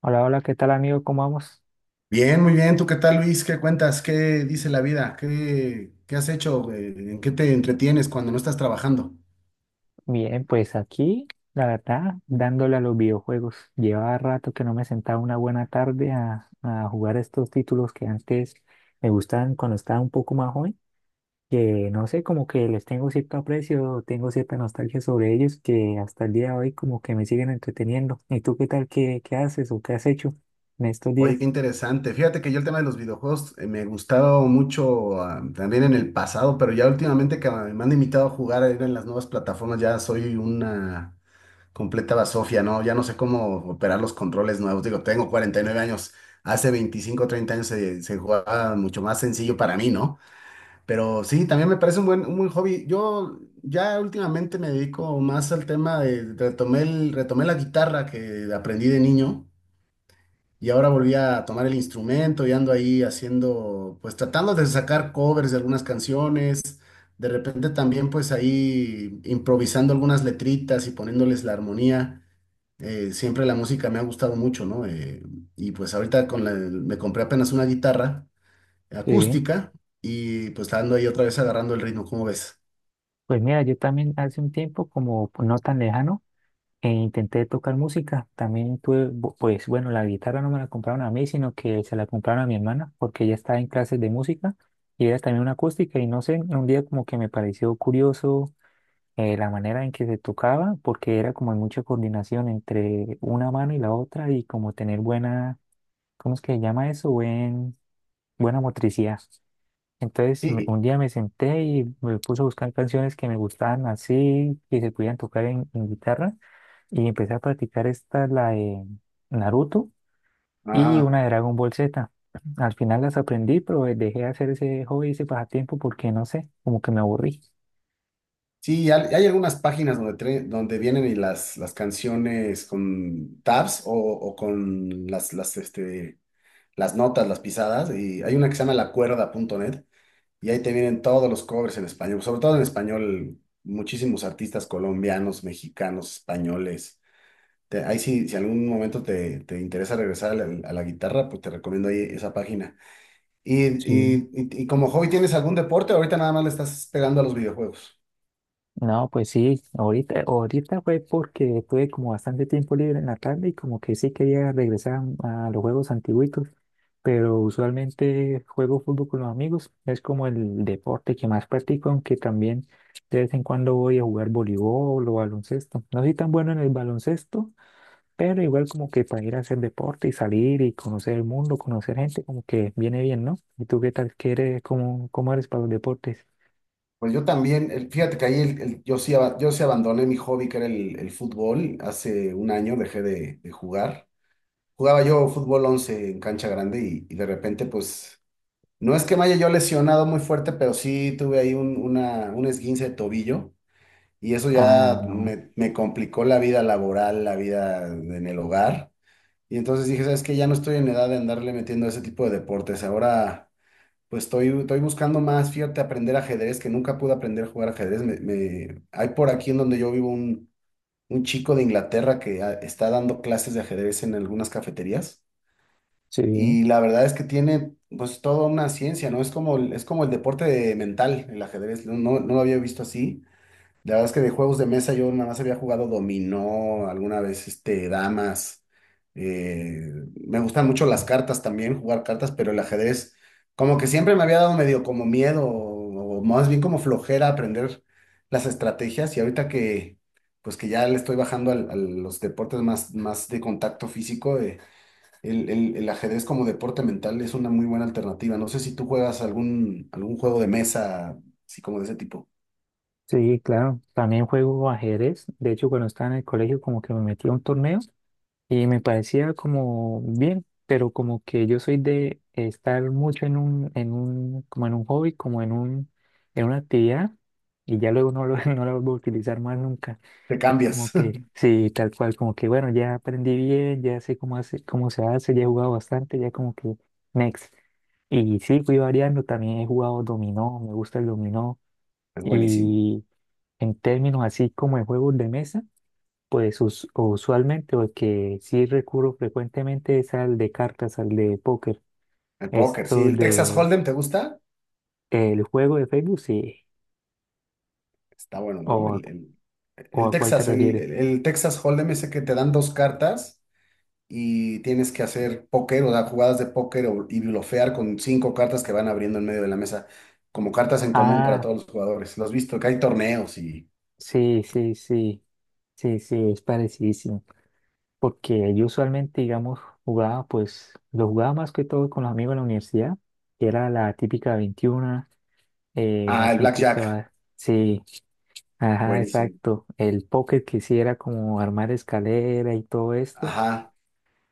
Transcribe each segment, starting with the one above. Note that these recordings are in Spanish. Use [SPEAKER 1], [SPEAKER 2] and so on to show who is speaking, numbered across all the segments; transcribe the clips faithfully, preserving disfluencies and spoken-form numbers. [SPEAKER 1] Hola, hola, ¿qué tal amigo? ¿Cómo vamos?
[SPEAKER 2] Bien, muy bien. ¿Tú qué tal, Luis? ¿Qué cuentas? ¿Qué dice la vida? ¿Qué, qué has hecho? Eh, ¿En qué te entretienes cuando no estás trabajando?
[SPEAKER 1] Bien, pues aquí, la verdad, dándole a los videojuegos. Llevaba rato que no me sentaba una buena tarde a, a jugar estos títulos que antes me gustaban cuando estaba un poco más joven, que no sé, como que les tengo cierto aprecio, tengo cierta nostalgia sobre ellos, que hasta el día de hoy como que me siguen entreteniendo. ¿Y tú qué tal? ¿Qué, qué haces o qué has hecho en estos
[SPEAKER 2] Oye, qué
[SPEAKER 1] días?
[SPEAKER 2] interesante. Fíjate que yo el tema de los videojuegos eh, me gustaba mucho, ah, también en el pasado, pero ya últimamente que me han invitado a jugar ahí en las nuevas plataformas, ya soy una completa basofia, ¿no? Ya no sé cómo operar los controles nuevos. Digo, tengo cuarenta y nueve años. Hace veinticinco o treinta años se, se jugaba mucho más sencillo para mí, ¿no? Pero sí, también me parece un buen, un buen hobby. Yo ya últimamente me dedico más al tema de, retomé el- retomé la guitarra que aprendí de niño y ahora volví a tomar el instrumento y ando ahí haciendo, pues tratando de sacar covers de algunas canciones. De repente también pues ahí improvisando algunas letritas y poniéndoles la armonía. Eh, siempre la música me ha gustado mucho, ¿no? Eh, y pues ahorita con la- me compré apenas una guitarra
[SPEAKER 1] Sí.
[SPEAKER 2] acústica y pues ando ahí otra vez agarrando el ritmo, ¿cómo ves?
[SPEAKER 1] Pues mira, yo también hace un tiempo, como no tan lejano, E intenté tocar música, también tuve, bu- pues bueno, la guitarra no me la compraron a mí, sino que se la compraron a mi hermana, porque ella estaba en clases de música y era también una acústica y no sé, un día como que me pareció curioso eh, la manera en que se tocaba, porque era como mucha coordinación entre una mano y la otra y como tener buena, ¿cómo es que se llama eso? Buen, buena motricidad. Entonces me-
[SPEAKER 2] Sí,
[SPEAKER 1] un día me senté y me puse a buscar canciones que me gustaban así, que se pudieran tocar en en guitarra. Y empecé a practicar esta, la de Naruto
[SPEAKER 2] y-
[SPEAKER 1] y
[SPEAKER 2] ajá.
[SPEAKER 1] una de Dragon Ball Z. Al final las aprendí, pero eh, dejé de hacer ese hobby, ese pasatiempo, porque no sé, como que me aburrí.
[SPEAKER 2] Sí, hay, hay algunas páginas donde, tre- donde vienen y las, las canciones con tabs o, o con las, las, este, las notas, las pisadas. Y hay una que se llama lacuerda punto net y ahí te vienen todos los covers en español, sobre todo en español, muchísimos artistas colombianos, mexicanos, españoles. Te- ahí sí, si algún momento te, te interesa regresar a la, a la guitarra, pues te recomiendo ahí esa página. Y, y,
[SPEAKER 1] Sí.
[SPEAKER 2] y, y como hobby, ¿tienes algún deporte? Ahorita nada más le estás pegando a los videojuegos.
[SPEAKER 1] No, pues sí, ahorita, ahorita fue porque tuve como bastante tiempo libre en la tarde y como que sí quería regresar a los juegos antiguitos, pero usualmente juego fútbol con los amigos, es como el deporte que más practico, aunque también de vez en cuando voy a jugar voleibol o baloncesto. No soy tan bueno en el baloncesto, pero igual como que para ir a hacer deporte y salir y conocer el mundo, conocer gente, como que viene bien, ¿no? ¿Y tú qué tal? ¿Qué eres? ¿Cómo, cómo eres para los deportes?
[SPEAKER 2] Pues yo también, el- fíjate que ahí el- el- yo sí, aba- yo sí abandoné mi hobby, que era el, el fútbol. Hace un año dejé de, de jugar. Jugaba yo fútbol once en cancha grande y, y de repente, pues, no es que me haya yo lesionado muy fuerte, pero sí tuve ahí un, una, un esguince de tobillo y eso
[SPEAKER 1] Ah,
[SPEAKER 2] ya
[SPEAKER 1] no.
[SPEAKER 2] me, me complicó la vida laboral, la vida en el hogar. Y entonces dije, ¿sabes qué? Ya no estoy en edad de andarle metiendo a ese tipo de deportes. Ahora, pues estoy, estoy buscando más, fíjate, aprender ajedrez, que nunca pude aprender a jugar ajedrez. Me, me- Hay por aquí en donde yo vivo un, un chico de Inglaterra que ah, está dando clases de ajedrez en algunas cafeterías.
[SPEAKER 1] Sí,
[SPEAKER 2] Y la verdad es que tiene, pues, toda una ciencia, ¿no? Es como, el- es como el deporte mental, el ajedrez. No, no, no lo había visto así. La verdad es que de juegos de mesa yo nada más había jugado dominó, alguna vez este, damas. eh, me gustan mucho las cartas también, jugar cartas, pero el ajedrez como que siempre me había dado medio como miedo o, o más bien como flojera aprender las estrategias y ahorita que pues que ya le estoy bajando al- a los deportes más, más de contacto físico, eh, el, el- el ajedrez como deporte mental es una muy buena alternativa. No sé si tú juegas algún, algún juego de mesa, así como de ese tipo.
[SPEAKER 1] sí, claro. También juego ajedrez. De hecho, cuando estaba en el colegio como que me metí a un torneo y me parecía como bien, pero como que yo soy de estar mucho en un, en un, como en un hobby, como en un, en una actividad, y ya luego no lo, no la vuelvo a utilizar más nunca.
[SPEAKER 2] Te
[SPEAKER 1] Entonces como
[SPEAKER 2] cambias.
[SPEAKER 1] que, sí, tal cual, como que bueno, ya aprendí bien, ya sé cómo hace, cómo se hace, ya he jugado bastante, ya como que next. Y sí, fui variando, también he jugado dominó, me gusta el dominó,
[SPEAKER 2] Es buenísimo.
[SPEAKER 1] y en términos así como de juegos de mesa. Pues us- usualmente, o el que sí recurro frecuentemente es al de cartas, al de póker.
[SPEAKER 2] El póker, sí.
[SPEAKER 1] Esto
[SPEAKER 2] ¿El Texas
[SPEAKER 1] de
[SPEAKER 2] Hold'em te gusta?
[SPEAKER 1] el juego de Facebook, sí.
[SPEAKER 2] Está bueno,
[SPEAKER 1] ¿O
[SPEAKER 2] ¿no?
[SPEAKER 1] a,
[SPEAKER 2] El, el-
[SPEAKER 1] ¿O
[SPEAKER 2] el
[SPEAKER 1] a cuál te
[SPEAKER 2] Texas, el,
[SPEAKER 1] refieres?
[SPEAKER 2] el- el Texas Hold'em ese que te dan dos cartas y tienes que hacer póker, o sea, jugadas de póker o- y blofear con cinco cartas que van abriendo en medio de la mesa, como cartas en común para
[SPEAKER 1] Ah,
[SPEAKER 2] todos los jugadores. Los has visto, que hay torneos y...
[SPEAKER 1] sí, sí, sí. Sí, sí, es parecidísimo. Porque yo usualmente, digamos, jugaba, pues, lo jugaba más que todo con los amigos en la universidad, que era la típica veintiuno, eh, la
[SPEAKER 2] Ah, el Blackjack,
[SPEAKER 1] típica, sí, ajá,
[SPEAKER 2] buenísimo.
[SPEAKER 1] exacto. El póker que sí era como armar escalera y todo esto.
[SPEAKER 2] Ajá,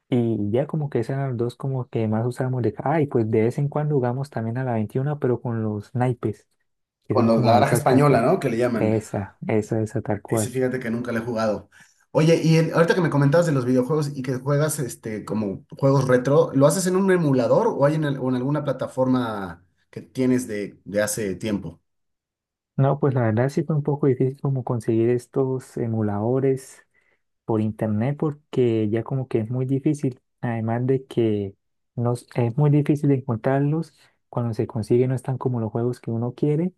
[SPEAKER 1] Y ya como que esas eran las dos como que más usábamos de... Ah, y pues de vez en cuando jugamos también a la veintiuno pero con los naipes, que
[SPEAKER 2] con
[SPEAKER 1] son
[SPEAKER 2] los-
[SPEAKER 1] como
[SPEAKER 2] la
[SPEAKER 1] las
[SPEAKER 2] baraja
[SPEAKER 1] otras
[SPEAKER 2] española,
[SPEAKER 1] cartas.
[SPEAKER 2] ¿no? Que le llaman.
[SPEAKER 1] Esa, esa, esa, tal
[SPEAKER 2] Ese
[SPEAKER 1] cual.
[SPEAKER 2] fíjate que nunca lo he jugado. Oye, y el- ahorita que me comentabas de los videojuegos y que juegas este como juegos retro, ¿lo haces en un emulador o hay en, al- o en alguna plataforma que tienes de, de hace tiempo?
[SPEAKER 1] No, pues la verdad sí fue un poco difícil como conseguir estos emuladores por internet porque ya como que es muy difícil, además de que nos, es muy difícil encontrarlos, cuando se consigue no están como los juegos que uno quiere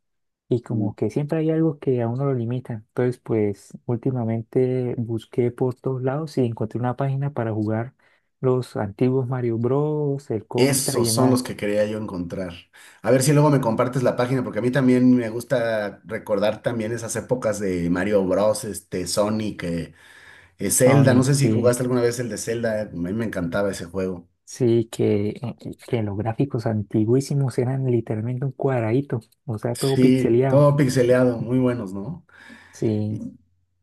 [SPEAKER 1] y
[SPEAKER 2] Mm.
[SPEAKER 1] como que siempre hay algo que a uno lo limita. Entonces pues últimamente busqué por todos lados y encontré una página para jugar los antiguos Mario Bros, el Contra y
[SPEAKER 2] Esos son los
[SPEAKER 1] demás.
[SPEAKER 2] que quería yo encontrar. A ver si luego me compartes la página, porque a mí también me gusta recordar también esas épocas de Mario Bros, este, Sonic, eh, eh, Zelda. No
[SPEAKER 1] Sonic,
[SPEAKER 2] sé si
[SPEAKER 1] sí.
[SPEAKER 2] jugaste alguna vez el de Zelda, a mí me encantaba ese juego.
[SPEAKER 1] Sí, que, eh, que los gráficos antiguísimos eran literalmente un cuadradito, o sea, todo
[SPEAKER 2] Sí,
[SPEAKER 1] pixeleado.
[SPEAKER 2] todo pixeleado, muy buenos, ¿no?
[SPEAKER 1] Sí,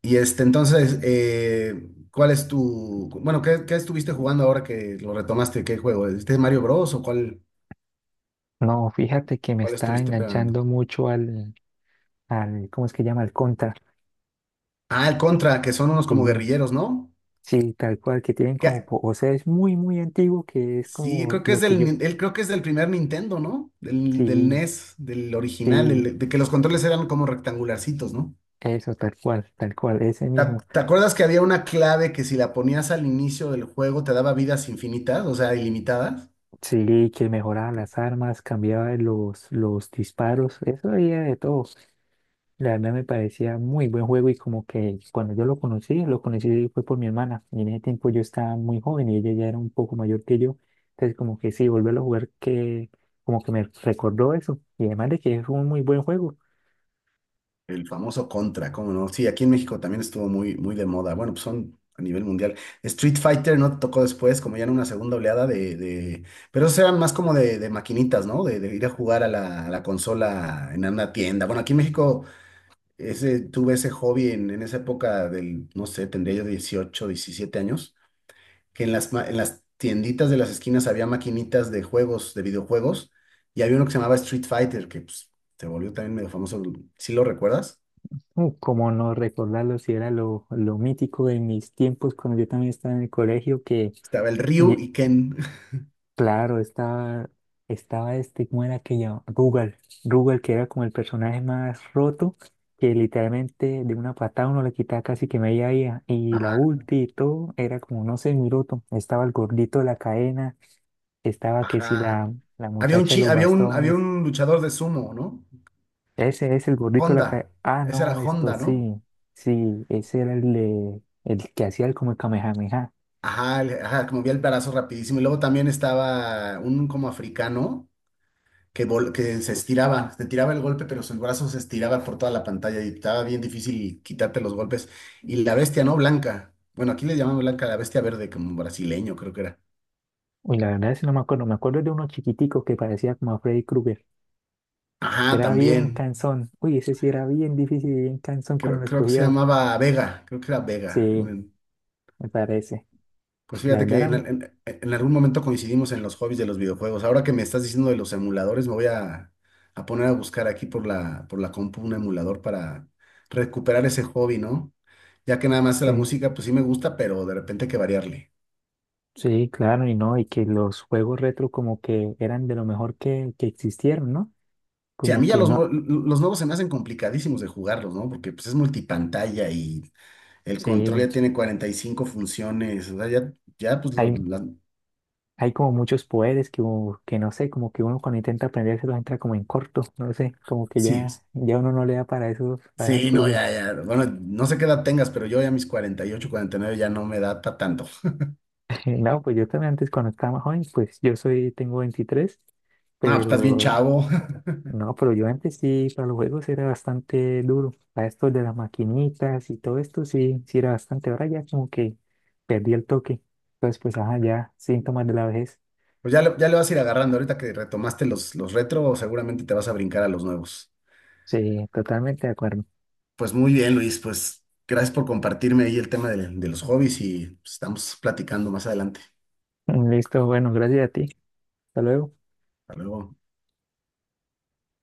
[SPEAKER 2] Y este, entonces, eh, ¿cuál es tu, bueno, ¿qué, qué estuviste jugando ahora que lo retomaste? ¿Qué juego? ¿Este Mario Bros o cuál,
[SPEAKER 1] no, fíjate que me
[SPEAKER 2] cuál
[SPEAKER 1] está
[SPEAKER 2] estuviste pegando?
[SPEAKER 1] enganchando mucho al, al, ¿cómo es que llama? Al Contra.
[SPEAKER 2] Ah, el Contra, que son unos como
[SPEAKER 1] Sí,
[SPEAKER 2] guerrilleros, ¿no?
[SPEAKER 1] sí, tal cual, que tienen como,
[SPEAKER 2] Que,
[SPEAKER 1] po- o sea, es muy, muy antiguo, que es
[SPEAKER 2] sí,
[SPEAKER 1] como
[SPEAKER 2] creo que
[SPEAKER 1] lo
[SPEAKER 2] es
[SPEAKER 1] que
[SPEAKER 2] del,
[SPEAKER 1] yo.
[SPEAKER 2] nin- él creo que es del primer Nintendo, ¿no? Del, del
[SPEAKER 1] Sí,
[SPEAKER 2] N E S, del original,
[SPEAKER 1] sí,
[SPEAKER 2] del- de que los controles eran como rectangularcitos, ¿no?
[SPEAKER 1] eso, tal cual, tal cual, ese
[SPEAKER 2] ¿Te,
[SPEAKER 1] mismo.
[SPEAKER 2] ac- te acuerdas que había una clave que si la ponías al inicio del juego te daba vidas infinitas, o sea, ilimitadas?
[SPEAKER 1] Sí, que mejoraba las armas, cambiaba los, los disparos, eso había de todo. La verdad me parecía muy buen juego y como que cuando yo lo conocí, lo conocí fue por mi hermana y en ese tiempo yo estaba muy joven y ella ya era un poco mayor que yo, entonces como que sí, volverlo a jugar que como que me recordó eso y además de que es un muy buen juego,
[SPEAKER 2] El famoso Contra, ¿cómo no? Sí, aquí en México también estuvo muy, muy de moda. Bueno, pues son a nivel mundial. Street Fighter no tocó después, como ya en una segunda oleada de, de- pero esos eran más como de, de maquinitas, ¿no? De, de ir a jugar a la, a la consola en una tienda. Bueno, aquí en México ese, tuve ese hobby en, en esa época del, no sé, tendría yo dieciocho diecisiete años, que en las, ma- en las tienditas de las esquinas había maquinitas de juegos, de videojuegos, y había uno que se llamaba Street Fighter, que pues, se volvió también medio famoso. ¿Sí lo recuerdas?
[SPEAKER 1] uh, como no recordarlo si era lo, lo mítico de mis tiempos cuando yo también estaba en el colegio que
[SPEAKER 2] Estaba el Ryu
[SPEAKER 1] lle-
[SPEAKER 2] y Ken.
[SPEAKER 1] claro, estaba, estaba este, ¿cómo era que llamaba? Rugal. Rugal, que era como el personaje más roto, que literalmente de una patada uno le quitaba casi que media vida. Y la
[SPEAKER 2] Ajá,
[SPEAKER 1] ulti y todo era como, no sé, muy roto. Estaba el gordito de la cadena, estaba que si
[SPEAKER 2] ajá.
[SPEAKER 1] la, la
[SPEAKER 2] Había un,
[SPEAKER 1] muchacha de
[SPEAKER 2] chi-
[SPEAKER 1] los
[SPEAKER 2] había un, había
[SPEAKER 1] bastones.
[SPEAKER 2] un luchador de sumo, ¿no?
[SPEAKER 1] Ese es el gordito de la cadena.
[SPEAKER 2] Honda.
[SPEAKER 1] Ah,
[SPEAKER 2] Ese
[SPEAKER 1] no,
[SPEAKER 2] era
[SPEAKER 1] esto
[SPEAKER 2] Honda, ¿no?
[SPEAKER 1] sí, sí, ese era el, de- el que hacía el como el Kamehameha.
[SPEAKER 2] Ajá, el- ajá, que movía el brazo rapidísimo. Y luego también estaba un como africano que, vol- que se estiraba, se tiraba el golpe, pero su brazo se estiraba por toda la pantalla y estaba bien difícil quitarte los golpes. Y la bestia, ¿no? Blanca. Bueno, aquí le llamamos blanca a la bestia verde, como brasileño, creo que era.
[SPEAKER 1] Uy, la verdad es que no me acuerdo, me acuerdo de uno chiquitico que parecía como a Freddy Krueger. Que
[SPEAKER 2] Ajá,
[SPEAKER 1] era bien
[SPEAKER 2] también.
[SPEAKER 1] cansón. Uy, ese sí era bien difícil y bien cansón cuando
[SPEAKER 2] Creo,
[SPEAKER 1] lo
[SPEAKER 2] creo que se
[SPEAKER 1] escogía.
[SPEAKER 2] llamaba Vega, creo que era Vega.
[SPEAKER 1] Sí, me parece.
[SPEAKER 2] Pues
[SPEAKER 1] La
[SPEAKER 2] fíjate
[SPEAKER 1] verdad
[SPEAKER 2] que en,
[SPEAKER 1] era-
[SPEAKER 2] al- en- en algún momento coincidimos en los hobbies de los videojuegos. Ahora que me estás diciendo de los emuladores, me voy a, a poner a buscar aquí por la, por la compu un emulador para recuperar ese hobby, ¿no? Ya que nada más la
[SPEAKER 1] sí,
[SPEAKER 2] música, pues sí me gusta, pero de repente hay que variarle.
[SPEAKER 1] sí, claro, y no, y que los juegos retro como que eran de lo mejor que, que existieron, ¿no?
[SPEAKER 2] Sí, a
[SPEAKER 1] Como
[SPEAKER 2] mí ya
[SPEAKER 1] que
[SPEAKER 2] los, nue-
[SPEAKER 1] no,
[SPEAKER 2] los nuevos se me hacen complicadísimos de jugarlos, ¿no? Porque pues es multipantalla y el control
[SPEAKER 1] sí,
[SPEAKER 2] ya tiene cuarenta y cinco funciones. O sea, ya, ya pues lo-
[SPEAKER 1] hay,
[SPEAKER 2] la-
[SPEAKER 1] hay como muchos poderes que, u- que no sé, como que uno cuando intenta aprenderse lo entra como en corto, no sé, como que
[SPEAKER 2] sí.
[SPEAKER 1] ya, ya uno no le da para esos, para esas
[SPEAKER 2] Sí, no, ya,
[SPEAKER 1] cosas.
[SPEAKER 2] ya. Bueno, no sé qué edad tengas, pero yo ya a mis cuarenta cuarenta y ocho, cuarenta y nueve ya no me da pa' tanto.
[SPEAKER 1] No, pues yo también antes cuando estaba más joven, pues yo soy, tengo veintitrés
[SPEAKER 2] No, pues estás bien
[SPEAKER 1] pero
[SPEAKER 2] chavo.
[SPEAKER 1] no, pero yo antes sí, para los juegos era bastante duro. Para esto de las maquinitas y todo esto sí, sí era bastante. Ahora ya como que perdí el toque. Entonces, pues, ajá, ya, síntomas de la vejez.
[SPEAKER 2] Pues ya le, ya le vas a ir agarrando. Ahorita que retomaste los, los retro, seguramente te vas a brincar a los nuevos.
[SPEAKER 1] Sí, totalmente de acuerdo.
[SPEAKER 2] Pues muy bien, Luis. Pues gracias por compartirme ahí el tema de, de los hobbies y pues, estamos platicando más adelante.
[SPEAKER 1] Listo, bueno, gracias a ti. Hasta luego.
[SPEAKER 2] Hasta luego.